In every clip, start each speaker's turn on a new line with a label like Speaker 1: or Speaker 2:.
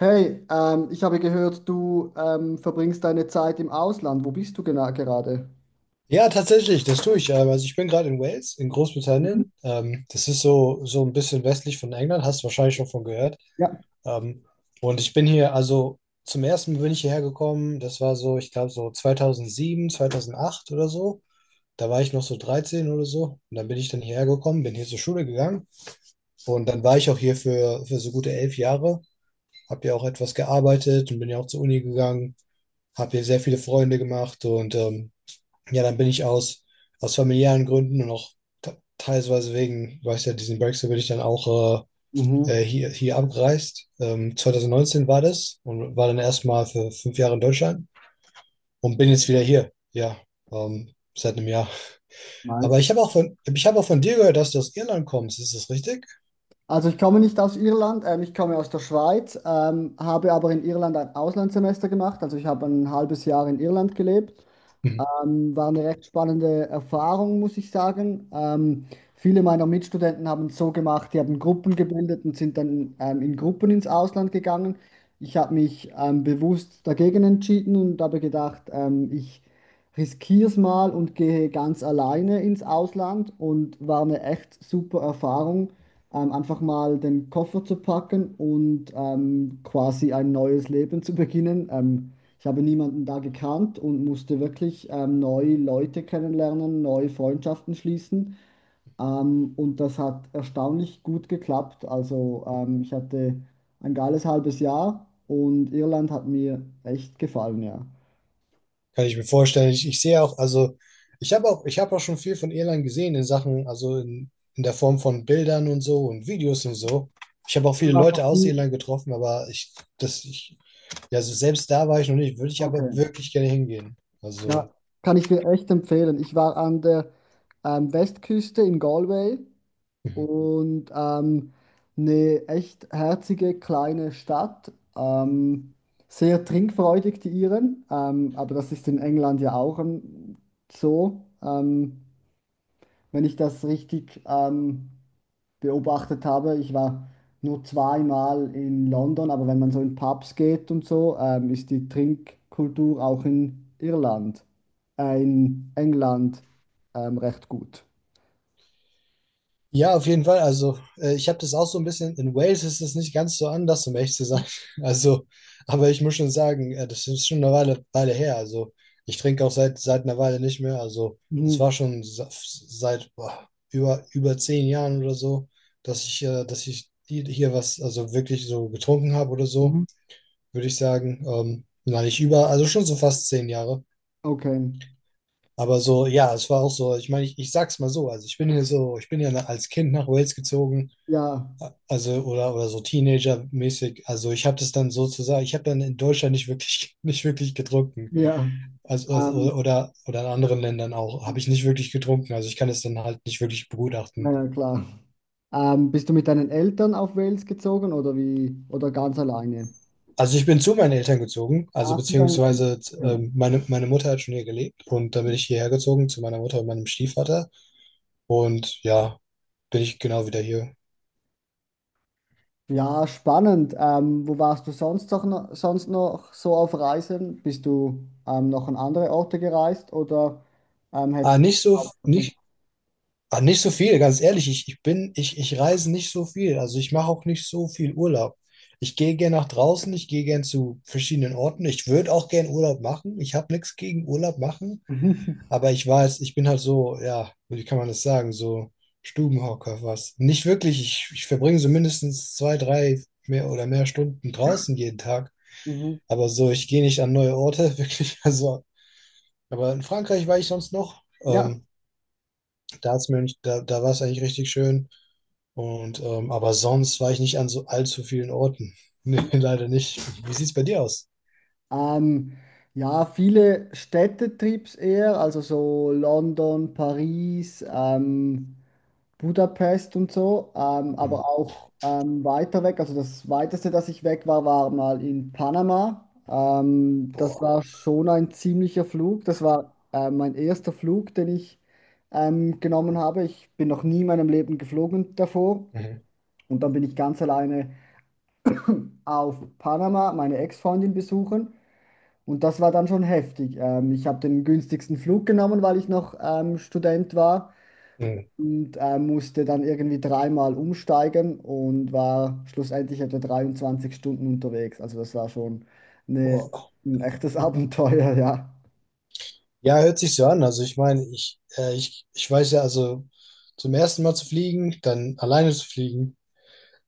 Speaker 1: Hey, ich habe gehört, du verbringst deine Zeit im Ausland. Wo bist du genau gerade?
Speaker 2: Ja, tatsächlich, das tue ich. Also ich bin gerade in Wales, in
Speaker 1: Mhm.
Speaker 2: Großbritannien. Das ist so ein bisschen westlich von England, hast du wahrscheinlich schon von gehört.
Speaker 1: Ja.
Speaker 2: Ähm, und ich bin hier, also zum ersten Mal bin ich hierher gekommen. Das war so, ich glaube, so 2007, 2008 oder so. Da war ich noch so 13 oder so. Und dann bin ich dann hierher gekommen, bin hier zur Schule gegangen. Und dann war ich auch hier für so gute 11 Jahre. Hab hier auch etwas gearbeitet und bin ja auch zur Uni gegangen. Hab hier sehr viele Freunde gemacht ja, dann bin ich aus familiären Gründen und auch teilweise wegen, weiß ja, diesen Brexit bin ich dann auch
Speaker 1: Mhm,
Speaker 2: hier, abgereist. 2019 war das, und war dann erstmal für 5 Jahre in Deutschland und bin jetzt wieder hier. Ja, seit einem Jahr. Aber
Speaker 1: nice.
Speaker 2: ich habe auch von dir gehört, dass du aus Irland kommst. Ist das richtig?
Speaker 1: Also ich komme nicht aus Irland, ich komme aus der Schweiz, habe aber in Irland ein Auslandssemester gemacht. Also ich habe ein halbes Jahr in Irland gelebt.
Speaker 2: Hm.
Speaker 1: War eine recht spannende Erfahrung, muss ich sagen. Viele meiner Mitstudenten haben es so gemacht, die haben Gruppen gebildet und sind dann in Gruppen ins Ausland gegangen. Ich habe mich bewusst dagegen entschieden und habe gedacht, ich riskiere es mal und gehe ganz alleine ins Ausland und war eine echt super Erfahrung, einfach mal den Koffer zu packen und quasi ein neues Leben zu beginnen. Ich habe niemanden da gekannt und musste wirklich neue Leute kennenlernen, neue Freundschaften schließen. Und das hat erstaunlich gut geklappt. Also ich hatte ein geiles halbes Jahr und Irland hat mir echt gefallen, ja.
Speaker 2: Kann ich mir vorstellen. Ich sehe auch, also ich habe auch schon viel von Irland gesehen, in Sachen, also in der Form von Bildern und so und Videos und so. Ich habe auch viele
Speaker 1: Und auch noch
Speaker 2: Leute aus
Speaker 1: die,
Speaker 2: Irland getroffen, aber das, ich, ja, also selbst da war ich noch nicht, würde ich aber
Speaker 1: okay,
Speaker 2: wirklich gerne hingehen. Also.
Speaker 1: ja, kann ich dir echt empfehlen. Ich war an der Westküste in Galway
Speaker 2: Mhm.
Speaker 1: und eine echt herzige kleine Stadt. Sehr trinkfreudig, die Iren, aber das ist in England ja auch so. Wenn ich das richtig beobachtet habe, ich war nur zweimal in London, aber wenn man so in Pubs geht und so, ist die Trinkkultur auch in Irland, in England recht gut.
Speaker 2: Ja, auf jeden Fall. Also, ich habe das auch so ein bisschen. In Wales ist es nicht ganz so anders, um ehrlich zu sein. Also, aber ich muss schon sagen, das ist schon eine Weile her. Also, ich trinke auch seit einer Weile nicht mehr. Also, es
Speaker 1: Mhm.
Speaker 2: war schon seit boah, über 10 Jahren oder so, dass ich hier was, also wirklich so getrunken habe oder so,
Speaker 1: Mhm.
Speaker 2: würde ich sagen. Nein, nicht über, also schon so fast 10 Jahre.
Speaker 1: Okay.
Speaker 2: Aber so, ja, es war auch so. Ich meine, ich sag's mal so. Also, ich bin ja als Kind nach Wales gezogen.
Speaker 1: Ja.
Speaker 2: Also, oder so Teenager-mäßig. Also, ich habe dann in Deutschland nicht wirklich, nicht wirklich getrunken.
Speaker 1: Ja,
Speaker 2: Also,
Speaker 1: ähm,
Speaker 2: oder in anderen Ländern auch, habe ich nicht wirklich getrunken. Also, ich kann es dann halt nicht wirklich
Speaker 1: na
Speaker 2: begutachten.
Speaker 1: ja, klar. Bist du mit deinen Eltern auf Wales gezogen oder wie? Oder ganz alleine?
Speaker 2: Also, ich bin zu meinen Eltern gezogen. Also,
Speaker 1: Ah, mit deinen Eltern.
Speaker 2: beziehungsweise,
Speaker 1: Okay.
Speaker 2: meine Mutter hat schon hier gelebt. Und dann bin ich hierher gezogen zu meiner Mutter und meinem Stiefvater. Und ja, bin ich genau wieder hier.
Speaker 1: Ja, spannend. Wo warst du sonst sonst noch so auf Reisen? Bist du noch an andere Orte gereist oder
Speaker 2: Ah,
Speaker 1: hättest du
Speaker 2: nicht so,
Speaker 1: hauptsächlich?
Speaker 2: nicht, Ah, nicht so viel, ganz ehrlich. Ich reise nicht so viel. Also ich mache auch nicht so viel Urlaub. Ich gehe gern nach draußen, ich gehe gern zu verschiedenen Orten. Ich würde auch gern Urlaub machen. Ich habe nichts gegen Urlaub machen,
Speaker 1: Mhm.
Speaker 2: aber ich weiß, ich bin halt so, ja, wie kann man das sagen, so Stubenhocker, was. Nicht wirklich. Ich verbringe so mindestens zwei, drei mehr oder mehr Stunden draußen jeden Tag.
Speaker 1: Mhm.
Speaker 2: Aber so, ich gehe nicht an neue Orte, wirklich. Also, aber in Frankreich war ich sonst noch.
Speaker 1: Ja.
Speaker 2: Staatsmönch, da war es eigentlich richtig schön. Aber sonst war ich nicht an so allzu vielen Orten. Nee, leider nicht. Wie sieht's bei dir aus?
Speaker 1: Ähm, ja, viele Städtetrips eher, also so London, Paris, Budapest und so, aber
Speaker 2: Mhm.
Speaker 1: auch weiter weg. Also das weiteste, dass ich weg war, war mal in Panama. Das
Speaker 2: Boah.
Speaker 1: war schon ein ziemlicher Flug. Das war mein erster Flug, den ich genommen habe. Ich bin noch nie in meinem Leben geflogen davor.
Speaker 2: Mhm.
Speaker 1: Und dann bin ich ganz alleine auf Panama meine Ex-Freundin besuchen. Und das war dann schon heftig. Ich habe den günstigsten Flug genommen, weil ich noch Student war
Speaker 2: Mhm.
Speaker 1: und musste dann irgendwie dreimal umsteigen und war schlussendlich etwa 23 Stunden unterwegs. Also das war schon eine,
Speaker 2: Boah.
Speaker 1: ein echtes Abenteuer, ja.
Speaker 2: Ja, hört sich so an. Also ich meine, ich weiß ja, also zum ersten Mal zu fliegen, dann alleine zu fliegen,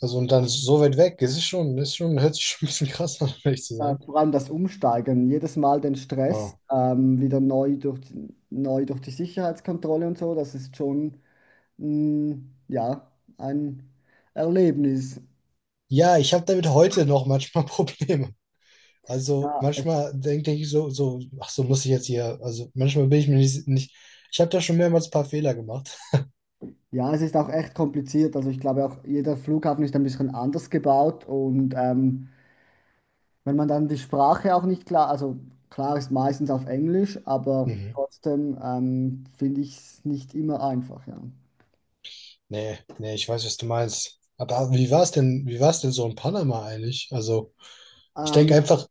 Speaker 2: also und dann so weit weg, es hört sich schon ein bisschen krass an, um ehrlich zu sein.
Speaker 1: Vor allem das Umsteigen, jedes Mal den Stress,
Speaker 2: Ah.
Speaker 1: wieder neu durch die Sicherheitskontrolle und so, das ist schon mh, ja, ein Erlebnis.
Speaker 2: Ja, ich habe damit heute noch manchmal Probleme. Also
Speaker 1: Ja, es-
Speaker 2: manchmal denke ich so, ach so, muss ich jetzt hier, also manchmal bin ich mir nicht, nicht. Ich habe da schon mehrmals ein paar Fehler gemacht.
Speaker 1: Ja, es ist auch echt kompliziert. Also ich glaube auch, jeder Flughafen ist ein bisschen anders gebaut und wenn man dann die Sprache auch nicht klar, also klar ist meistens auf Englisch, aber
Speaker 2: Mhm.
Speaker 1: trotzdem finde ich es nicht immer einfach, ja.
Speaker 2: Nee, nee, ich weiß, was du meinst. Aber wie war es denn so in Panama eigentlich? Also ich denke
Speaker 1: Ähm,
Speaker 2: einfach,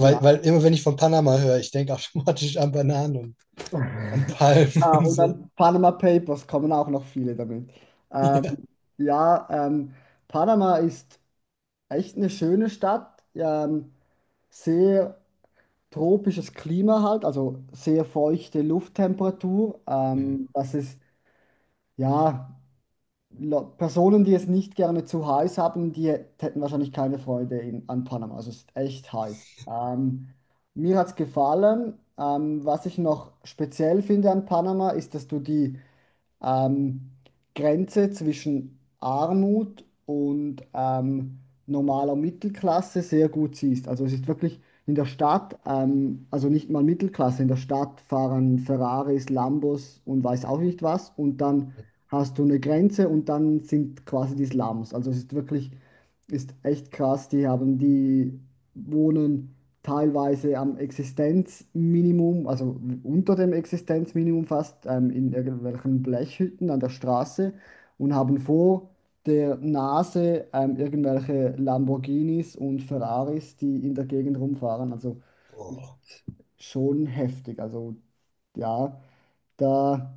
Speaker 1: ja.
Speaker 2: weil immer, wenn ich von Panama höre, ich denke automatisch an Bananen und an Palmen
Speaker 1: Ja,
Speaker 2: und
Speaker 1: und
Speaker 2: so.
Speaker 1: dann Panama Papers kommen auch noch viele damit. Ähm,
Speaker 2: Ja.
Speaker 1: ja, Panama ist echt eine schöne Stadt, sehr tropisches Klima halt, also sehr feuchte Lufttemperatur.
Speaker 2: Mhm.
Speaker 1: Das ist, ja. La- Personen, die es nicht gerne zu heiß haben, die hätten wahrscheinlich keine Freude in, an Panama. Also es ist echt heiß. Mir hat es gefallen. Was ich noch speziell finde an Panama, ist, dass du die ähm, Grenze zwischen Armut und normaler Mittelklasse sehr gut siehst. Also es ist wirklich in der Stadt, also nicht mal Mittelklasse, in der Stadt fahren Ferraris, Lambos und weiß auch nicht was. Und dann hast du eine Grenze und dann sind quasi die Slums. Also es ist wirklich, ist echt krass. Die wohnen teilweise am Existenzminimum, also unter dem Existenzminimum fast, in irgendwelchen Blechhütten an der Straße und haben vor der Nase irgendwelche Lamborghinis und Ferraris, die in der Gegend rumfahren. Also
Speaker 2: Boah.
Speaker 1: ist schon heftig. Also ja, da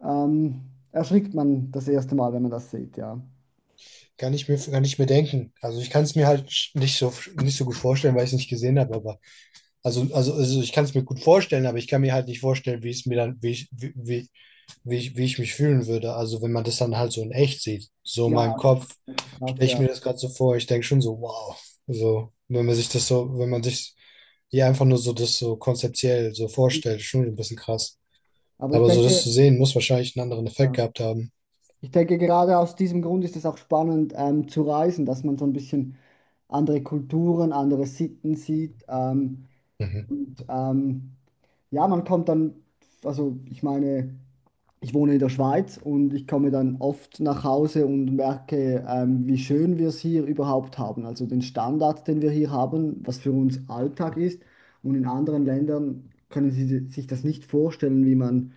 Speaker 1: erschrickt man das erste Mal, wenn man das sieht, ja.
Speaker 2: Kann ich mir denken. Also ich kann es mir halt nicht so gut vorstellen, weil ich es nicht gesehen habe, aber. Ich kann es mir gut vorstellen, aber ich kann mir halt nicht vorstellen, wie es mir dann, wie ich, wie, wie, wie ich mich fühlen würde. Also wenn man das dann halt so in echt sieht. So in
Speaker 1: Ja,
Speaker 2: meinem Kopf
Speaker 1: krass,
Speaker 2: stelle ich
Speaker 1: ja.
Speaker 2: mir das gerade so vor. Ich denke schon so, wow. So, wenn man sich das so, wenn man sich hier einfach nur so das so konzeptiell so vorstellt, schon ein bisschen krass.
Speaker 1: Aber ich
Speaker 2: Aber so das zu
Speaker 1: denke,
Speaker 2: sehen, muss wahrscheinlich einen anderen Effekt
Speaker 1: äh,
Speaker 2: gehabt haben.
Speaker 1: Ich denke, gerade aus diesem Grund ist es auch spannend, zu reisen, dass man so ein bisschen andere Kulturen, andere Sitten sieht.
Speaker 2: Mhm.
Speaker 1: Und ja, man kommt dann, also ich meine, ich wohne in der Schweiz und ich komme dann oft nach Hause und merke, wie schön wir es hier überhaupt haben. Also den Standard, den wir hier haben, was für uns Alltag ist. Und in anderen Ländern können Sie sich das nicht vorstellen, wie man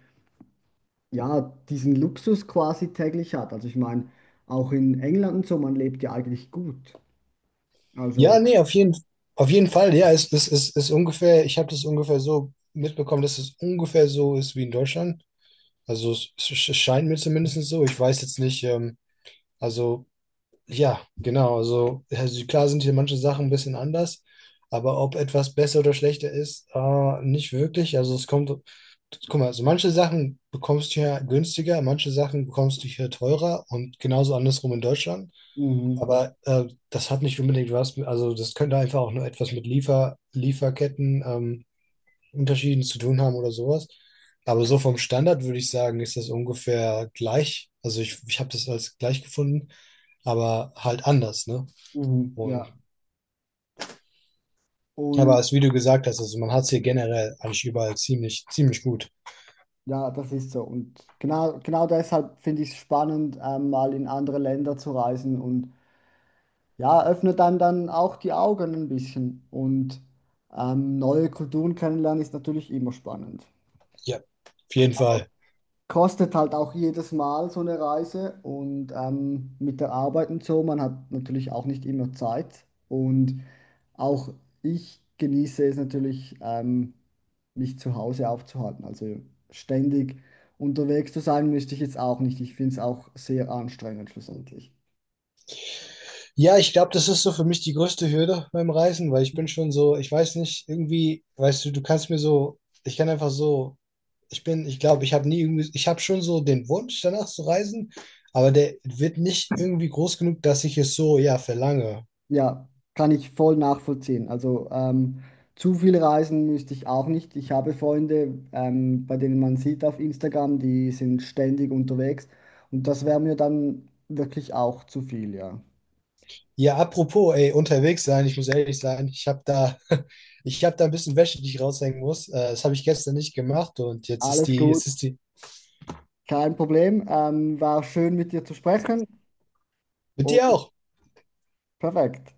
Speaker 1: ja, diesen Luxus quasi täglich hat. Also ich meine, auch in England und so, man lebt ja eigentlich gut. Also,
Speaker 2: Ja, nee, auf jeden Fall, ja, es ist ungefähr, ich habe das ungefähr so mitbekommen, dass es ungefähr so ist wie in Deutschland. Also es scheint mir zumindest so. Ich weiß jetzt nicht, also ja, genau. Klar sind hier manche Sachen ein bisschen anders, aber ob etwas besser oder schlechter ist, nicht wirklich. Also es kommt, guck mal, also manche Sachen bekommst du hier günstiger, manche Sachen bekommst du hier teurer und genauso andersrum in Deutschland.
Speaker 1: mhm, ja,
Speaker 2: Aber das hat nicht unbedingt was, also das könnte einfach auch nur etwas mit Lieferketten, Unterschieden zu tun haben oder sowas. Aber so vom Standard würde ich sagen, ist das ungefähr gleich. Also ich habe das als gleich gefunden, aber halt anders, ne?
Speaker 1: mhm,
Speaker 2: Und
Speaker 1: ja.
Speaker 2: aber
Speaker 1: Und
Speaker 2: als wie du gesagt hast, also man hat es hier generell eigentlich überall ziemlich gut.
Speaker 1: ja, das ist so. Und genau, genau deshalb finde ich es spannend, mal in andere Länder zu reisen und ja, öffnet einem dann auch die Augen ein bisschen. Und neue Kulturen kennenlernen ist natürlich immer spannend.
Speaker 2: Ja, auf jeden Fall.
Speaker 1: Kostet halt auch jedes Mal so eine Reise und mit der Arbeit und so, man hat natürlich auch nicht immer Zeit und auch ich genieße es natürlich, mich zu Hause aufzuhalten, also ständig unterwegs zu sein, möchte ich jetzt auch nicht. Ich finde es auch sehr anstrengend schlussendlich.
Speaker 2: Ja, ich glaube, das ist so für mich die größte Hürde beim Reisen, weil ich bin schon so, ich weiß nicht, irgendwie, weißt du, du kannst mir so, ich kann einfach so, ich bin, ich glaube, ich habe nie irgendwie, ich habe schon so den Wunsch danach zu reisen, aber der wird nicht irgendwie groß genug, dass ich es so, ja, verlange.
Speaker 1: Ja, kann ich voll nachvollziehen. Also zu viel reisen müsste ich auch nicht. Ich habe Freunde, bei denen man sieht auf Instagram, die sind ständig unterwegs und das wäre mir dann wirklich auch zu viel, ja.
Speaker 2: Ja, apropos, ey, unterwegs sein, ich muss ehrlich sein, ich habe da, ich habe da ein bisschen Wäsche, die ich raushängen muss. Das habe ich gestern nicht gemacht, und jetzt ist
Speaker 1: Alles
Speaker 2: die,
Speaker 1: gut,
Speaker 2: jetzt ist die,
Speaker 1: kein Problem. War schön mit dir zu sprechen
Speaker 2: Mit
Speaker 1: und
Speaker 2: dir auch.
Speaker 1: perfekt.